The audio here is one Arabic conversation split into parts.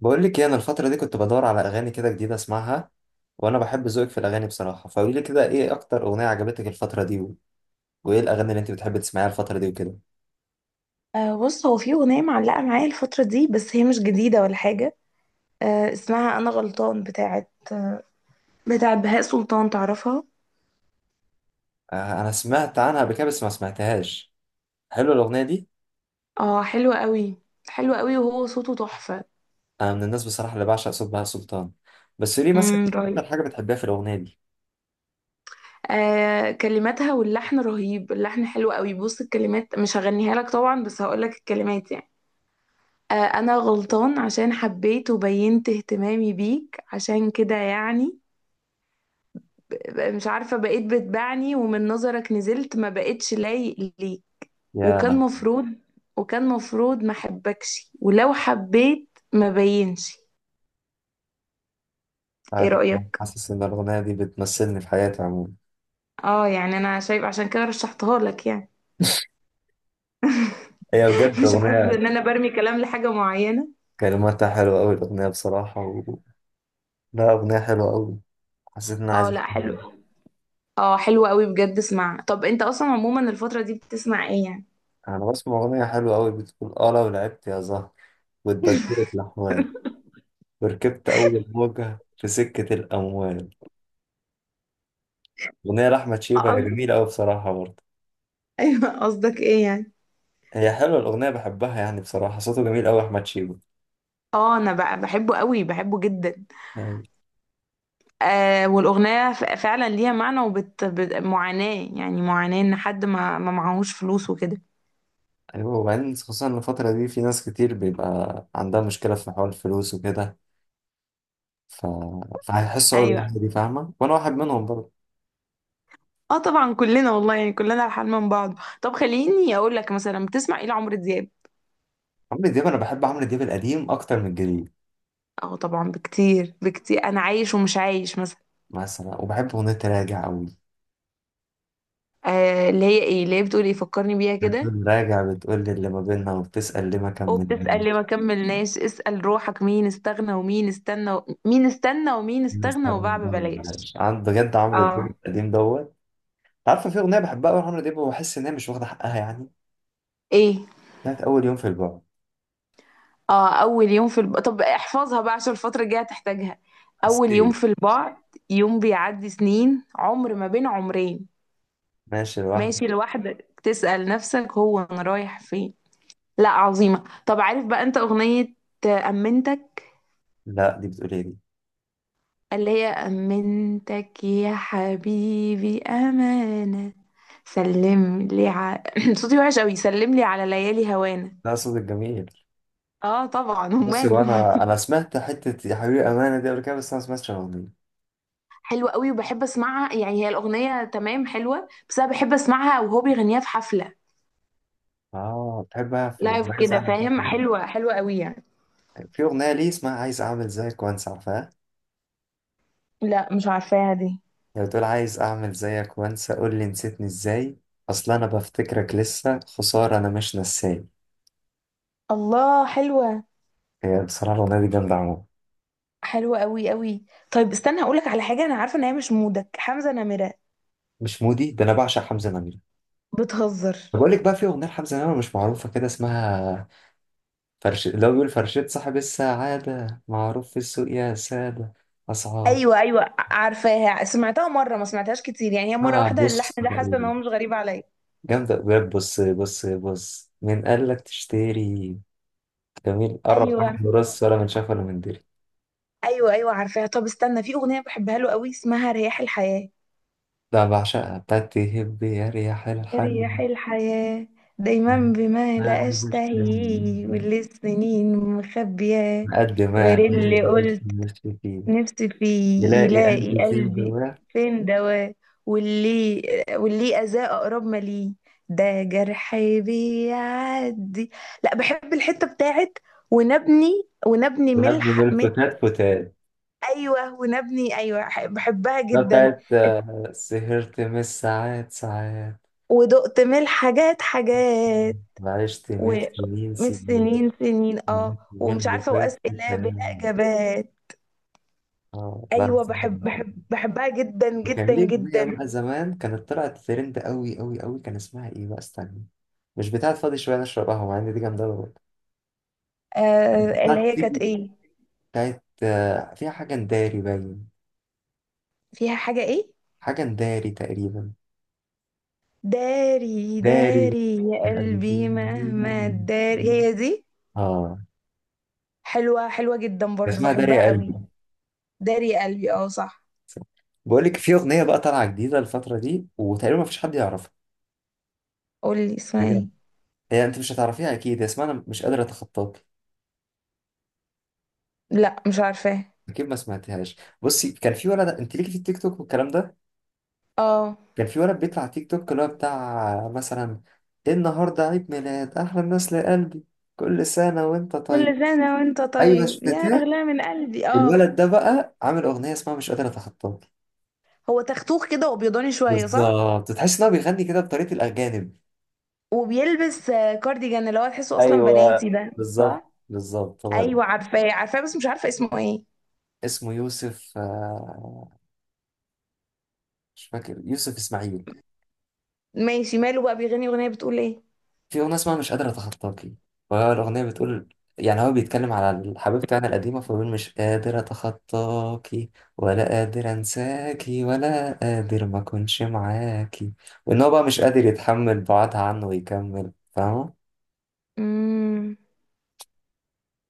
بقول لك ايه، انا الفتره دي كنت بدور على اغاني كده جديده اسمعها. وانا بحب ذوقك في الاغاني بصراحه، فقولي لي كده ايه اكتر اغنيه عجبتك الفتره دي و... وايه الاغاني اللي انت بتحبي تسمعيها الفتره دي وكده؟ أه، بص هو في أغنية معلقة معايا الفترة دي، بس هي مش جديدة ولا حاجة. أه اسمها أنا غلطان، بتاعت بهاء سلطان، تعرفها؟ آه انا سمعت عنها قبل كده بس ما سمعتهاش. حلوه الاغنيه دي. اه حلوة قوي. حلوة قوي، وهو صوته تحفة. انا من الناس بصراحه اللي بعشق صوت بهاء سلطان. بس قولي مثلا إيه رهيب. اكتر حاجه بتحبيها في الاغنيه دي؟ آه كلماتها واللحن رهيب، اللحن حلو قوي. بص الكلمات مش هغنيها لك طبعا، بس هقولك الكلمات يعني. آه انا غلطان عشان حبيت وبينت اهتمامي بيك، عشان كده يعني مش عارفة، بقيت بتبعني ومن نظرك نزلت، ما بقيتش لايق ليك. وكان يا مفروض وكان مفروض ما احبكش، ولو حبيت ما بينش. ايه بعد ما رأيك؟ حاسس ان الاغنيه دي بتمثلني في حياتي عموما. اه يعني انا شايف، عشان كده رشحتها لك يعني. هي بجد مش حاسه اغنيه، ان انا برمي كلام لحاجه معينه. كلماتها حلوه قوي الاغنيه بصراحه و... لا اغنيه حلوه قوي. حسيت ان انا عايز اه لا أسمعها. حلو. اه حلو قوي بجد. اسمع، طب انت اصلا عموما الفتره دي بتسمع ايه يعني؟ انا بسمع اغنيه حلوه قوي بتقول اه لو لعبت يا زهر واتبدلت لحواك وركبت اول موجه في سكه الاموال. اغنيه لاحمد اه شيبه، هي جميله قوي بصراحه برضه. ايوه، قصدك ايه يعني؟ هي حلوه الاغنيه بحبها يعني، بصراحه صوته جميل قوي احمد شيبه. اه انا بقى بحبه قوي، بحبه جدا. أي- آه والاغنيه فعلا ليها معنى، معاناه، يعني معاناه ان حد ما معهوش فلوس وكده. ايوه وبعدين خصوصا إن الفتره دي في ناس كتير بيبقى عندها مشكله في حوار الفلوس وكده، ف... فهيحسوا اول ايوه. الاغنيه دي فاهمه وانا واحد منهم برضه. اه طبعا كلنا والله، يعني كلنا على حال من بعض. طب خليني اقول لك، مثلا بتسمع ايه لعمرو دياب؟ عمرو دياب، انا بحب عمرو دياب القديم اكتر من الجديد. اه طبعا بكتير بكتير، انا عايش ومش عايش مثلا. مثلا وبحب اغنيه راجع قوي. آه اللي هي ايه، اللي هي بتقول ايه، فكرني بيها كده. هتقوم راجع بتقول لي اللي ما بيننا وبتسأل ليه ما كملنا، وبتسأل ليه ما كملناش، اسأل روحك مين استغنى ومين استنى مين استنى ومين ليه ما استغنى اشتغلنا وباع ده ما ببلاش. عملناش؟ عن بجد عمرو دياب اه. القديم دوت. أنت عارفه في أغنية بحبها أوي لعمرو دياب وبحس إن هي مش واخدة حقها يعني، ايه. بتاعت أول يوم في البعد. اه اول يوم في الب... طب احفظها بقى، عشان الفترة الجاية هتحتاجها. اول يوم حسيت في البعد، يوم بيعدي سنين، عمر ما بين عمرين. ماشي لوحدي. ماشي لوحدك، تسأل نفسك هو انا رايح فين. لا عظيمة. طب عارف بقى انت اغنية امنتك؟ لا دي بتقول إيه دي؟ اللي هي امنتك يا حبيبي امانة، سلم لي صوتي وحش قوي. سلم لي على ليالي هوانا. لا صوت الجميل. اه طبعا بصي، وماله. وأنا سمعت حتة يا حبيبي أمانة دي قبل كده بس أنا ما سمعتش الأغنية. حلوة قوي وبحب اسمعها يعني، هي الاغنية تمام حلوة، بس انا بحب اسمعها وهو بيغنيها في حفلة، آه بتحبها، في لايف أغنية عايز كده أعمل كده فاهم، طبعا. حلوة حلوة قوي يعني. في أغنية ليه اسمها عايز أعمل زيك وأنسى، عارفاها؟ لا مش عارفاها دي. لو تقول عايز اعمل زيك وانسى قول لي نسيتني ازاي، اصل انا بفتكرك لسه خسارة انا مش نساي. الله، حلوة. هي بصراحة الاغنية دي جامدة عموما. حلوة قوي قوي. طيب استنى، هقولك على حاجة، أنا عارفة إن هي مش مودك، حمزة نمرة. مش مودي ده، انا بعشق حمزة نمرة. بتهزر. بقول لك بقى في اغنية لحمزة نمرة مش معروفة كده، اسمها فرش، اللي هو بيقول فرشة صاحب السعادة معروف في السوق يا سادة، اسعار. أيوة أيوة عارفاها، سمعتها مرة، ما سمعتهاش كتير يعني، هي مرة ما واحدة، اللحن بص ده حاسة إن تقريباً. هو مش غريب عليا. جامدة بجد. بص بص بص، من قال لك تشتري جميل قرب أيوة راح راس، ولا من شاف ولا من دري. أيوة أيوة عارفاها. طب استنى، في أغنية بحبها له قوي، اسمها رياح الحياة. ده بعشقها، بتاعت تهب يا ريح رياح الحاجة. الحياة، دايما بما ما لا بيجوش أشتهي، فاهم. واللي السنين مخبياه قد غير ما اللي الألف قلت مش فيه نفسي فيه، يلاقي يلاقي ألف سين قلبي دواه. فين دواه. واللي واللي أذاه أقرب ما ليه. ده جرحي بيعدي. لا، بحب الحتة بتاعت ونبني ونبني ونبني من ملح ملح. الفتات فتات. أيوة ونبني. أيوة، بحبها ده جدا. بتاعت آه، سهرت من الساعات ساعات ودقت ملح حاجات حاجات، وعشت من سنين ومش سنين سنين سنين. اه اليوم ومش اللي عارفة، فات. وأسئلة بلا كان- إجابات. اه لا أيوة، بس- بحب بحبها جدا وكان جدا ليه أغنية جدا. بقى زمان كانت طلعت ترند أوي أوي أوي، كان اسمها إيه بقى استنى. مش بتاعت فاضي شوية نشرب قهوة، مع إن دي جامدة أوي برضه. آه اللي بتاعت هي كانت تيجي، إيه؟ بتاعت آه، فيها حاجة نداري باين. فيها حاجة ايه؟ حاجة داري تقريبا. داري، داري. داري يا قلبي قلبي مهما منهم. داري، هي دي. اه. حلوة، حلوة جدا ده برضو، اسمها داري يا بحبها قلبي. قوي. داري يا قلبي، اه صح. بقول لك في اغنيه بقى طالعه جديده الفتره دي وتقريبا ما فيش حد يعرفها. قولي اسمها ايه. بجد، هي انت مش هتعرفيها اكيد، هي اسمها انا مش قادر اتخطاك. لا مش عارفاه. اكيد ما سمعتهاش. بصي، كان في ولد انت ليكي في التيك توك والكلام ده. اه كان في ولد بيطلع على تيك توك اللي هو بتاع مثلا النهارده عيد ميلاد احلى الناس لقلبي، كل سنه وانت كل طيب. سنة وانت ايوه طيب يا شفتيها؟ أغلى من قلبي، اه. الولد ده بقى عامل اغنيه اسمها مش قادر اتخطاك. هو تختوخ كده وابيضاني شوية صح؟ بالظبط، تحس ان هو بيغني كده بطريقه الاجانب. وبيلبس كارديجان اللي هو تحسه اصلا ايوه، بناتي ده. بالظبط. صح. بالظبط، هو ده. ايوه عارفاه عارفاه، بس مش عارفة اسمه ايه. اسمه يوسف آه، مش فاكر، يوسف اسماعيل. ماشي، ماله بقى، بيغني اغنية بتقول ايه؟ في اغنيه اسمها مش قادر اتخطاكي، وهي الاغنيه بتقول، يعني هو بيتكلم على الحبيب بتاعنا القديمه، فبيقول مش قادر اتخطاكي، ولا قادر انساكي، ولا قادر ما اكونش معاكي، وان هو بقى مش قادر يتحمل بعدها عنه ويكمل فاهمه. امم.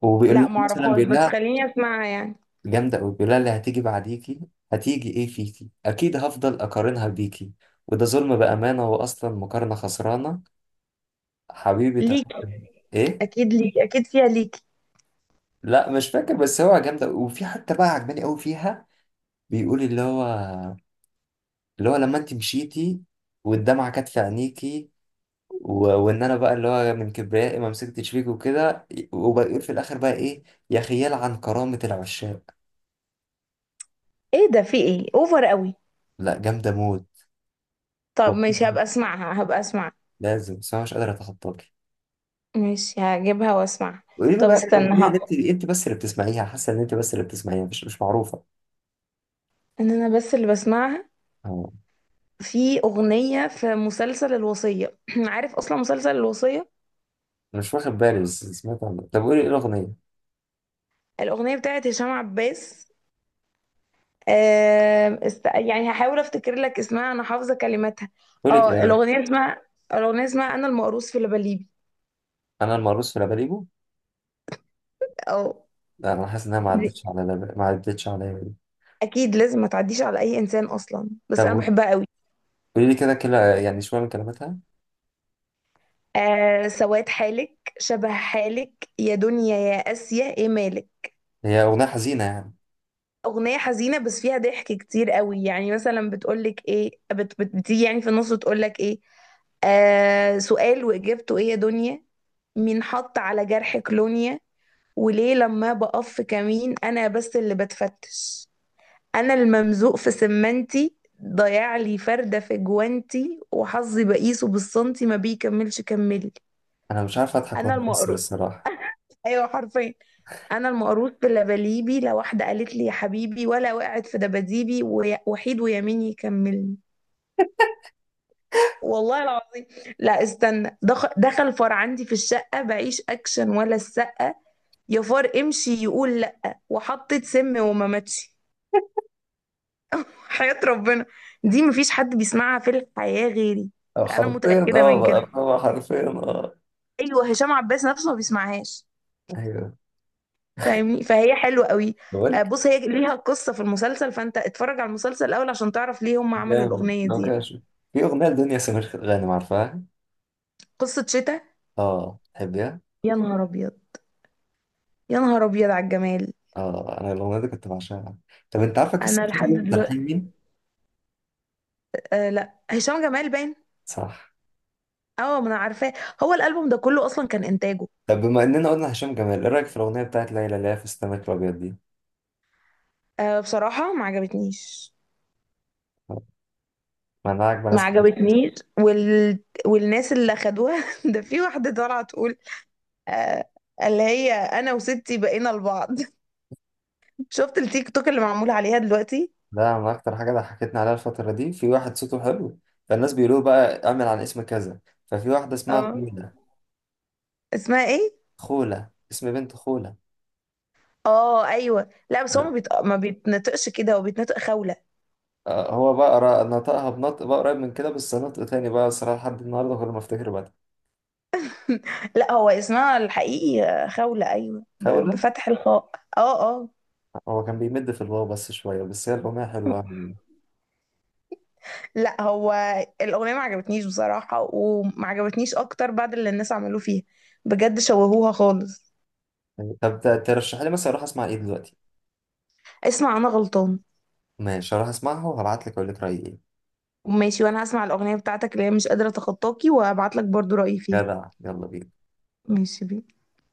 وبيقول لها لا مثلا، معرفهاش، بيقول بس لها خليني اسمعها يعني. جامدة أوي، بيقولها اللي هتيجي بعديكي هتيجي إيه فيكي؟ أكيد هفضل أقارنها بيكي، وده ظلم بأمانة، وأصلا مقارنة خسرانة. حبيبي ليك، تحب إيه؟ اكيد ليك، اكيد فيها ليك. لا مش فاكر بس هو جامدة أوي. وفي حتة بقى عجباني أوي فيها، بيقول اللي هو لما أنت مشيتي والدمعة كانت في عينيكي و... وإن أنا بقى اللي هو من كبريائي ما مسكتش فيك وكده. وبيقول في الآخر بقى إيه؟ يا خيال عن كرامة العشاق. ايه ده، في ايه، اوفر قوي. لا جامدة موت طب والله. ماشي، هبقى اسمعها، هبقى اسمعها. لازم بس أنا مش قادر أتخطاك. ماشي، هجيبها واسمعها. وقولي لي طب بقى إيه استنى الاغنيه اللي انت بس اللي بتسمعيها، حاسه ان انت بس اللي بتسمعيها، مش معروفه. ان انا بس اللي بسمعها. أه، في اغنية في مسلسل الوصية، عارف اصلا مسلسل الوصية؟ انا مش واخد بالي بس سمعت عنها، طب قولي ايه الاغنيه. الاغنية بتاعت هشام عباس. يعني هحاول افتكر لك اسمها، انا حافظة كلماتها. قولي اه كده. الاغنية اسمها، الاغنية اسمها انا المقروص في لبليبي. انا المرقص في لاباليبو. اه. لا انا حاسس انها ما عدتش على لب... ما عدتش عليا دي. اكيد، لازم ما تعديش على اي انسان اصلا، بس انا طب بحبها قوي. قولي لي كده يعني شويه من كلماتها. آه سواد حالك شبه حالك، يا دنيا يا اسيا ايه مالك؟ هي اغنيه حزينه يعني؟ اغنيه حزينه بس فيها ضحك كتير قوي يعني، مثلا بتقولك ايه، بت بت بتيجي يعني في النص تقولك ايه. آه سؤال واجابته ايه يا دنيا، مين حط على جرحك لونيا، وليه لما بقف في كمين انا بس اللي بتفتش. انا الممزوق في سمنتي، ضيع لي فردة في جوانتي، وحظي بقيسه بالسنتي، ما بيكملش كملي. انا مش عارف اضحك انا ولا اكسر المقروض. الصراحه. ايوه حرفيا. انا المقروض في لبليبي، لو واحدة قالت لي يا حبيبي، ولا وقعت في دباديبي، وحيد ويمين يكملني. والله العظيم. لا استنى، دخل فار عندي في الشقة، بعيش اكشن ولا السقة. يا فار امشي، يقول لأ. وحطت سم وما ماتش. حياة ربنا. دي مفيش حد بيسمعها في الحياة غيري. آه، انا حرفيا متأكدة اه من كده. بقى، آه، حرفيا اه. ايوه، هشام عباس نفسه ما بيسمعهاش ايوه. فاهمني، فهي حلوة قوي. آه، بقولك، بص هي ليها قصة في المسلسل، فانت اتفرج على المسلسل الاول عشان تعرف ليه هم عملوا جامد الأغنية لو دي. كده شوف. في اغنيه لدنيا سمير غانم، عارفاها؟ قصة شتاء. اه تحبيها؟ يا نهار ابيض، يا نهار ابيض على الجمال. اه انا الاغنيه دي كنت بعشقها. طب انت عارفه قصه انا لحد هشام تلحين دلوقتي. مين؟ آه لا، هشام جمال باين. صح. اه ما انا عارفاه، هو الالبوم ده كله اصلا كان انتاجه. طب بما اننا قلنا هشام جمال، ايه رايك في الاغنيه بتاعت ليلى اللي هي في السمك الابيض دي؟ آه بصراحة ما عجبتنيش. ما انا عاجبه ما ناس كتير. عجبتنيش وال... والناس اللي اخدوها. ده في واحده طالعه تقول آه، اللي هي انا وستي بقينا لبعض. شفت التيك توك اللي معمول عليها دلوقتي؟ ده من اكتر حاجه ضحكتني عليها الفتره دي، في واحد صوته حلو، فالناس بيقولوا بقى اعمل عن اسم كذا. ففي واحده اسمها اه. خوله. اسمها ايه؟ خوله اسم بنت، خوله. اه ايوه، لا بس هو ما بيتنطقش كده، هو بيتنطق خوله. آه، هو بقى نطقها بنطق بقى قريب من كده بس نطق تاني بقى الصراحه لحد النهارده كل ما افتكر بقى لا هو اسمها الحقيقي خوله، ايوه، خوله. بفتح الخاء. اه اه. هو كان بيمد في الواو بس شويه بس هي الاغنيه حلوه أوي. لا هو الاغنيه ما عجبتنيش بصراحه، وما عجبتنيش اكتر بعد اللي الناس عملوه فيها، بجد شوهوها خالص. طب ترشح لي مثلا اروح اسمع ايه دلوقتي؟ اسمع انا غلطان. ماشي اروح اسمعها وهبعت لك اقول لك رايي ايه. ماشي، وانا هسمع الاغنيه بتاعتك اللي هي مش قادره اتخطاكي، وهبعت لك برضو رايي فيها. جدع، يلا بينا. ماشي بي